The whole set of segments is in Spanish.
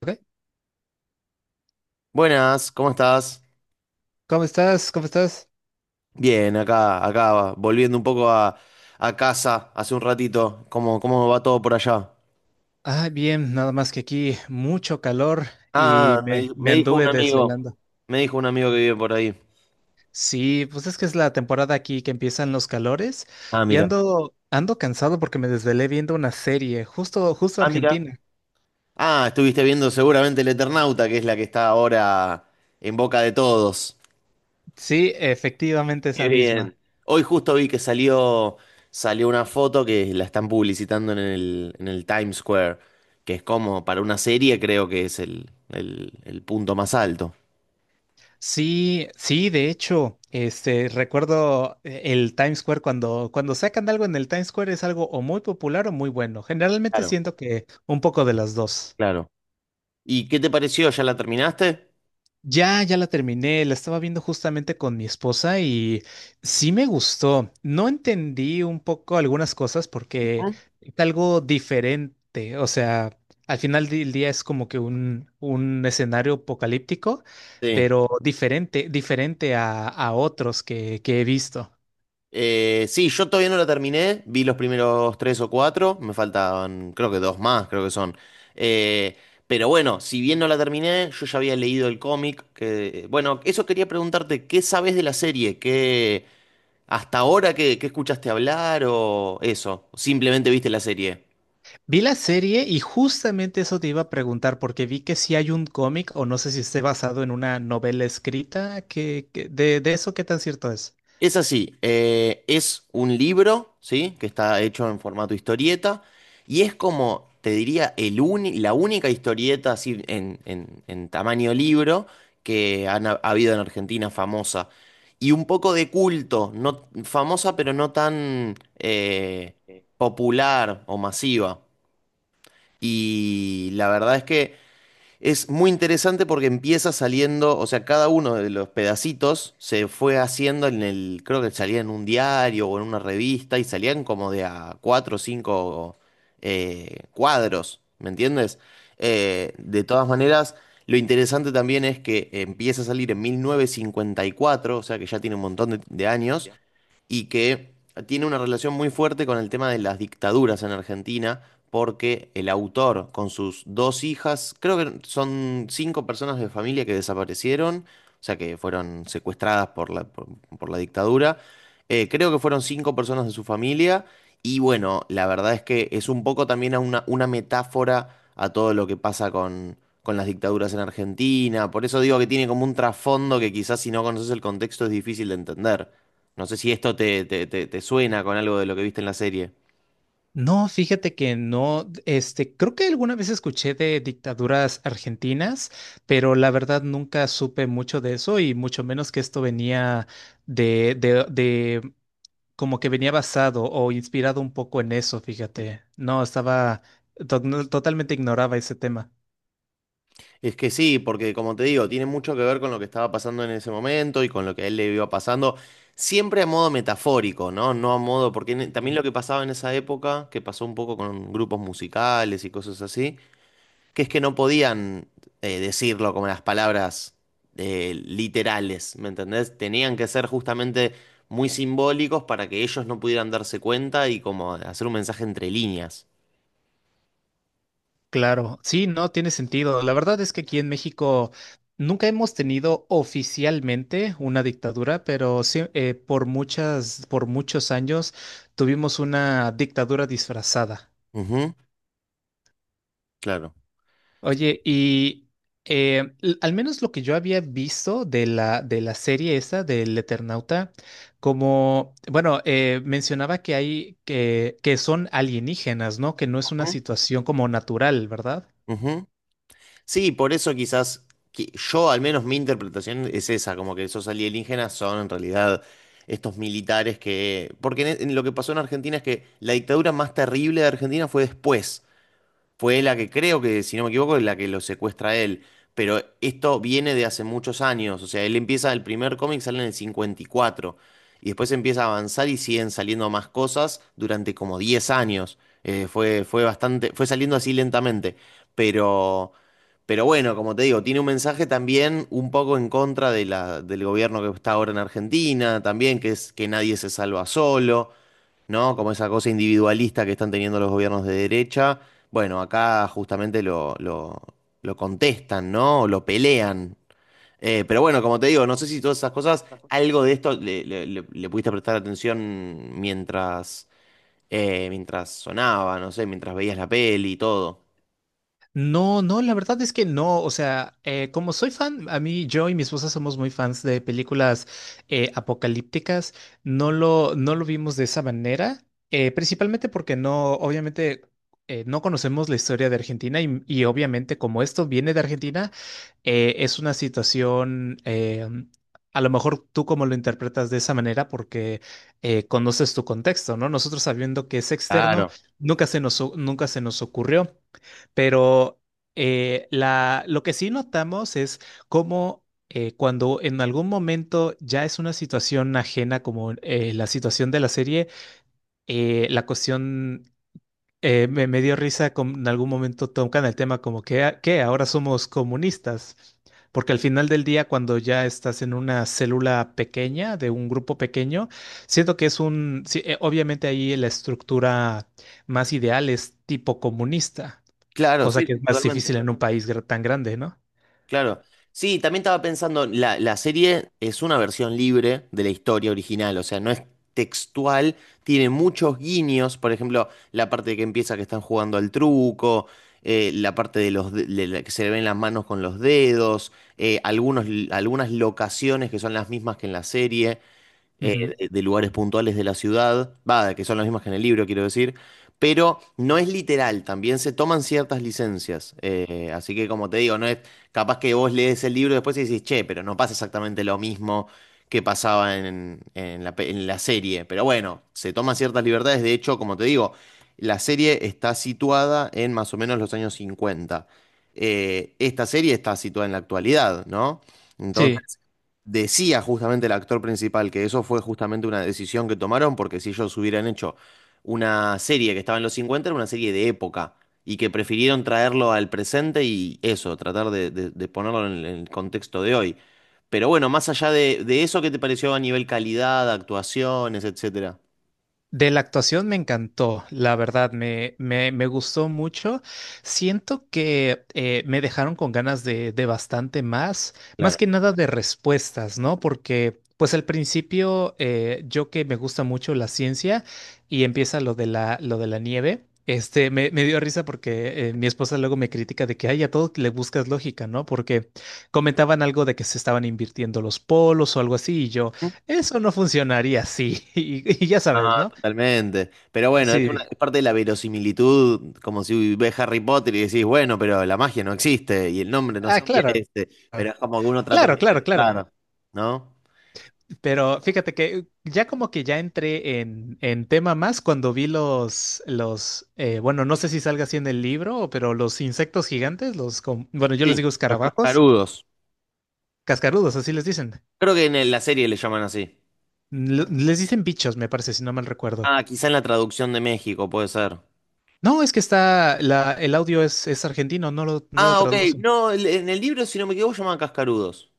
Ok. Buenas, ¿cómo estás? ¿Cómo estás? ¿Cómo estás? Bien, acá, acá, volviendo un poco a casa hace un ratito. ¿Cómo va todo por allá? Ah, bien, nada más que aquí mucho calor y Ah, me, me me dijo un anduve amigo, desvelando. me dijo un amigo que vive por ahí. Sí, pues es que es la temporada aquí que empiezan los calores Ah, y mira. ando cansado porque me desvelé viendo una serie, justo, justo Ah, mira. Argentina. Ah, estuviste viendo seguramente El Eternauta, que es la que está ahora en boca de todos. Sí, efectivamente Qué esa bien. misma. Hoy justo vi que salió una foto que la están publicitando en el Times Square, que es como para una serie, creo que es el punto más alto. Sí, sí, de hecho, este, recuerdo el Times Square cuando sacan algo en el Times Square es algo o muy popular o muy bueno. Generalmente Claro, siento que un poco de las dos. claro. ¿Y qué te pareció? ¿Ya la terminaste? Ya, ya la terminé, la estaba viendo justamente con mi esposa y sí me gustó. No entendí un poco algunas cosas porque Ujú. es algo diferente, o sea, al final del día es como que un escenario apocalíptico, Sí. pero diferente, diferente a otros que he visto. Sí, yo todavía no la terminé. Vi los primeros tres o cuatro. Me faltaban, creo que dos más, creo que son. Eh, pero bueno, si bien no la terminé, yo ya había leído el cómic. Que, bueno, eso quería preguntarte, ¿qué sabes de la serie? ¿Hasta ahora qué escuchaste hablar o eso? ¿Simplemente viste la serie? Vi la serie y justamente eso te iba a preguntar porque vi que si hay un cómic o no sé si esté basado en una novela escrita de eso, ¿qué tan cierto es? Es así, es un libro, ¿sí? Que está hecho en formato historieta y es como, te diría, la única historieta así en tamaño libro que han ha ha habido en Argentina famosa. Y un poco de culto, no, famosa pero no tan popular o masiva. Y la verdad es que es muy interesante porque empieza saliendo, o sea, cada uno de los pedacitos se fue haciendo en el, creo que salía en un diario o en una revista y salían como de a cuatro o cinco cuadros, ¿me entiendes? De todas maneras, lo interesante también es que empieza a salir en 1954, o sea que ya tiene un montón de años y que tiene una relación muy fuerte con el tema de las dictaduras en Argentina, porque el autor con sus dos hijas, creo que son cinco personas de familia que desaparecieron, o sea que fueron secuestradas por la dictadura. Creo que fueron cinco personas de su familia, y bueno, la verdad es que es un poco también a una metáfora a todo lo que pasa con las dictaduras en Argentina, por eso digo que tiene como un trasfondo que quizás si no conoces el contexto es difícil de entender. No sé si esto te suena con algo de lo que viste en la serie. No, fíjate que no, este, creo que alguna vez escuché de dictaduras argentinas, pero la verdad nunca supe mucho de eso y mucho menos que esto venía de como que venía basado o inspirado un poco en eso, fíjate. No, no, totalmente ignoraba ese tema. Es que sí, porque como te digo, tiene mucho que ver con lo que estaba pasando en ese momento y con lo que a él le iba pasando, siempre a modo metafórico, ¿no? No a modo, porque también lo que pasaba en esa época, que pasó un poco con grupos musicales y cosas así, que es que no podían decirlo como las palabras literales, ¿me entendés? Tenían que ser justamente muy simbólicos para que ellos no pudieran darse cuenta y como hacer un mensaje entre líneas. Claro, sí, no tiene sentido. La verdad es que aquí en México nunca hemos tenido oficialmente una dictadura, pero sí, por muchos años tuvimos una dictadura disfrazada. Ujú, claro. Oye, y al menos lo que yo había visto de la, serie esa del Eternauta, como, bueno, mencionaba que son alienígenas, ¿no? Que no es una Ujú, situación como natural, ¿verdad? ujú. Sí, por eso quizás yo, al menos mi interpretación es esa, como que esos alienígenas son en realidad estos militares que... Porque en lo que pasó en Argentina es que la dictadura más terrible de Argentina fue después. Fue la que creo que, si no me equivoco, es la que lo secuestra a él. Pero esto viene de hace muchos años. O sea, él empieza, el primer cómic sale en el 54. Y cuatro. Y después empieza a avanzar y siguen saliendo más cosas durante como 10 años. Fue bastante, fue saliendo así lentamente. Pero, pero bueno, como te digo, tiene un mensaje también un poco en contra de del gobierno que está ahora en Argentina, también, que es que nadie se salva solo, ¿no? Como esa cosa individualista que están teniendo los gobiernos de derecha. Bueno, acá justamente lo contestan, ¿no? O lo pelean. Pero bueno, como te digo, no sé si todas esas cosas, algo de esto le pudiste prestar atención mientras, mientras sonaba, no sé, mientras veías la peli y todo. No, no, la verdad es que no. O sea, como soy fan, yo y mi esposa somos muy fans de películas apocalípticas. No lo vimos de esa manera, principalmente porque no, obviamente, no conocemos la historia de Argentina y obviamente como esto viene de Argentina, es una situación. A lo mejor tú como lo interpretas de esa manera porque conoces tu contexto, ¿no? Nosotros sabiendo que es externo, Claro. Nunca se nos ocurrió. Pero lo que sí notamos es cómo cuando en algún momento ya es una situación ajena, como la situación de la serie, la cuestión me dio risa, como en algún momento tocan el tema como que, "Ah, ¿qué? Ahora somos comunistas". Porque al final del día, cuando ya estás en una célula pequeña, de un grupo pequeño, siento que es un, sí, obviamente ahí la estructura más ideal es tipo comunista, Claro, cosa sí, que es más difícil en un país tan grande, ¿no? claro. Sí, también estaba pensando, la serie es una versión libre de la historia original, o sea, no es textual, tiene muchos guiños, por ejemplo, la parte que empieza que están jugando al truco, la parte de de la que se le ven las manos con los dedos, algunas locaciones que son las mismas que en la serie, Ujú. de lugares puntuales de la ciudad, va, que son las mismas que en el libro, quiero decir, pero no es literal, también se toman ciertas licencias. Así que como te digo, no es capaz que vos lees el libro después y decís, che, pero no pasa exactamente lo mismo que pasaba en la serie. Pero bueno, se toman ciertas libertades, de hecho, como te digo, la serie está situada en más o menos los años cincuenta. Esta serie está situada en la actualidad, ¿no? Sí. Entonces, decía justamente el actor principal que eso fue justamente una decisión que tomaron, porque si ellos hubieran hecho una serie que estaba en los 50 era una serie de época, y que prefirieron traerlo al presente y eso, tratar de ponerlo en el contexto de hoy. Pero bueno, más allá de eso, ¿qué te pareció a nivel calidad, actuaciones, etcétera? De la actuación me encantó, la verdad, me gustó mucho. Siento que me dejaron con ganas de bastante más, Claro. más que nada de respuestas, ¿no? Porque, pues al principio, yo que me gusta mucho la ciencia y empieza lo de la nieve. Este, me dio risa porque mi esposa luego me critica de que, ay, a todo le buscas lógica, ¿no? Porque comentaban algo de que se estaban invirtiendo los polos o algo así, y yo, eso no funcionaría así, y ya No, sabes, ¿no? totalmente. Pero bueno, es una, Sí. es parte de la verosimilitud, como si ves Harry Potter y decís, bueno, pero la magia no existe y el nombre no Ah, sé es claro. este, pero es como que uno trata de Claro, hacer claro, claro. claro, ¿no? Pero fíjate que ya como que ya entré en tema más cuando vi bueno, no sé si salga así en el libro, pero los insectos gigantes, bueno, yo les Sí, digo los escarabajos, cascarudos. cascarudos, así les dicen. Creo que en la serie le llaman así. Les dicen bichos, me parece, si no mal recuerdo. Ah, quizá en la traducción de México puede ser. No, es que el audio es argentino, no lo Ah, ok. traducen. No, en el libro, si no me equivoco, llaman cascarudos.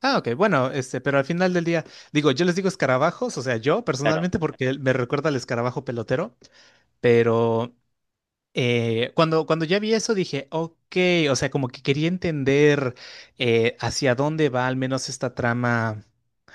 Ah, ok, bueno, este, pero al final del día, digo, yo les digo escarabajos, o sea, yo Claro. personalmente, porque me recuerda al escarabajo pelotero. Pero cuando ya vi eso dije, ok, o sea, como que quería entender hacia dónde va al menos esta trama,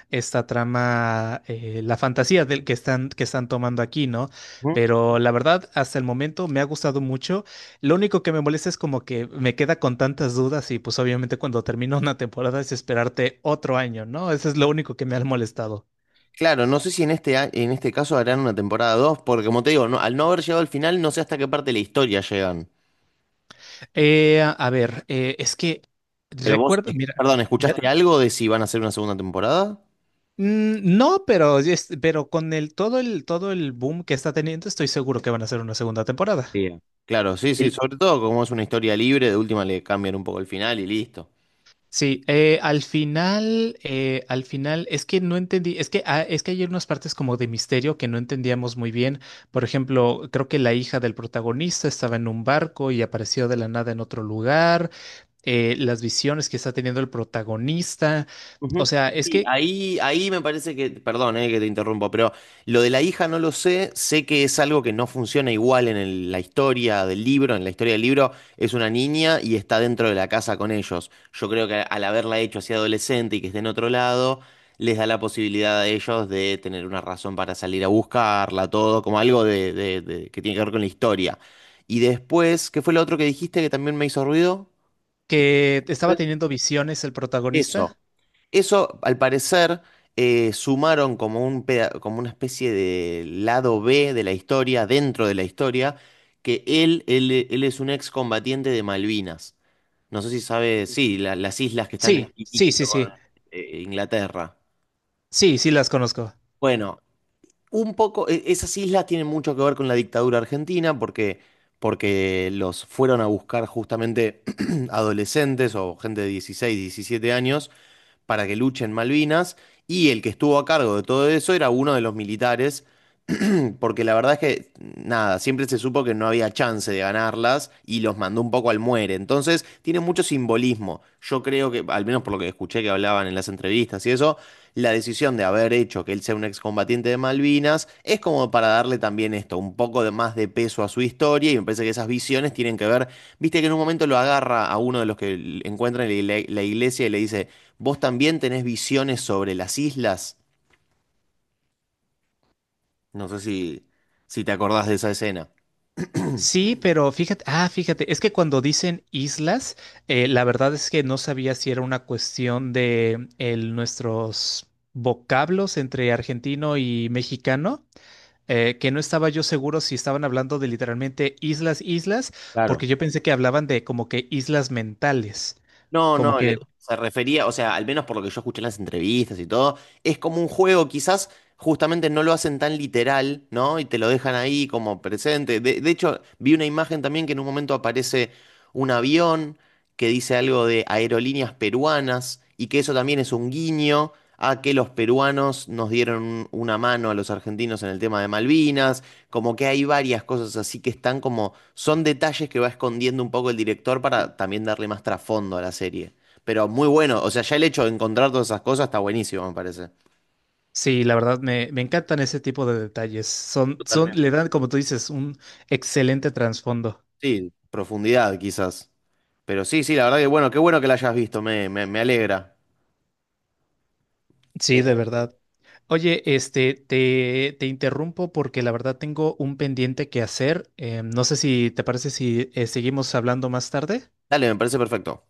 la fantasía del que están tomando aquí, ¿no? Ujú. Pero la verdad, hasta el momento me ha gustado mucho. Lo único que me molesta es como que me queda con tantas dudas y pues obviamente cuando termina una temporada es esperarte otro año, ¿no? Eso es lo único que me ha molestado. Claro, no sé si en en este caso harán una temporada 2 porque como te digo, al no haber llegado al final, no sé hasta qué parte de la historia llegan. A ver, es que Pero vos, recuerdo, mira. perdón, Ya. ¿escuchaste algo de si van a hacer una segunda temporada? Mm. No, pero, pero con el todo el todo el boom que está teniendo, estoy seguro que van a hacer una segunda temporada. Sí. Claro, sí, sí, Y- sobre todo como es una historia libre, de última le cambian un poco el final y listo. Sí, al final, es que no entendí, es que hay unas partes como de misterio que no entendíamos muy bien. Por ejemplo, creo que la hija del protagonista estaba en un barco y apareció de la nada en otro lugar, las visiones que está teniendo el protagonista. Ujú. O sea, es Sí, que ahí me parece que, perdón, que te interrumpo, pero lo de la hija no lo sé, sé que es algo que no funciona igual en la historia del libro, en la historia del libro es una niña y está dentro de la casa con ellos. Yo creo que al haberla hecho así adolescente y que esté en otro lado, les da la posibilidad a ellos de tener una razón para salir a buscarla, todo, como algo de que tiene que ver con la historia. Y después, ¿qué fue lo otro que dijiste que también me hizo ruido? que estaba teniendo visiones el Eso. protagonista. Eso, al parecer, sumaron como como una especie de lado B de la historia, dentro de la historia, que él es un excombatiente de Malvinas. No sé si sabe, sí, las islas que están en Sí, sí, Iquique sí, con sí. Inglaterra. Sí, sí las conozco. Bueno, un poco, esas islas tienen mucho que ver con la dictadura argentina porque, porque los fueron a buscar justamente adolescentes o gente de 16, 17 años para que luchen en Malvinas, y el que estuvo a cargo de todo eso era uno de los militares, porque la verdad es que, nada, siempre se supo que no había chance de ganarlas y los mandó un poco al muere. Entonces, tiene mucho simbolismo. Yo creo que, al menos por lo que escuché que hablaban en las entrevistas y eso, la decisión de haber hecho que él sea un excombatiente de Malvinas es como para darle también esto, un poco de más de peso a su historia, y me parece que esas visiones tienen que ver, viste que en un momento lo agarra a uno de los que encuentran en la iglesia y le dice, ¿vos también tenés visiones sobre las islas? No sé si, si te acordás de esa escena. Sí, pero fíjate, es que cuando dicen islas, la verdad es que no sabía si era una cuestión de nuestros vocablos entre argentino y mexicano, que no estaba yo seguro si estaban hablando de literalmente islas, islas, Claro. porque yo pensé que hablaban de como que islas mentales, No, como no, que se refería, o sea, al menos por lo que yo escuché en las entrevistas y todo, es como un juego, quizás justamente no lo hacen tan literal, ¿no? Y te lo dejan ahí como presente. De hecho, vi una imagen también que en un momento aparece un avión que dice algo de aerolíneas peruanas y que eso también es un guiño a que los peruanos nos dieron una mano a los argentinos en el tema de Malvinas. Como que hay varias cosas así que están como, son detalles que va escondiendo un poco el director para también darle más trasfondo a la serie. Pero muy bueno, o sea, ya el hecho de encontrar todas esas cosas está buenísimo, me parece. sí. La verdad me encantan ese tipo de detalles, le dan, como tú dices, un excelente trasfondo. Sí, profundidad quizás. Pero sí, sí, la verdad que bueno, qué bueno que la hayas visto, me alegra. Sí, de Eh, verdad. Oye, este, te interrumpo porque la verdad tengo un pendiente que hacer. No sé si te parece si seguimos hablando más tarde. Dale, me parece perfecto.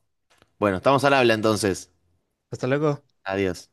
Bueno, estamos al habla entonces. Hasta luego. Adiós.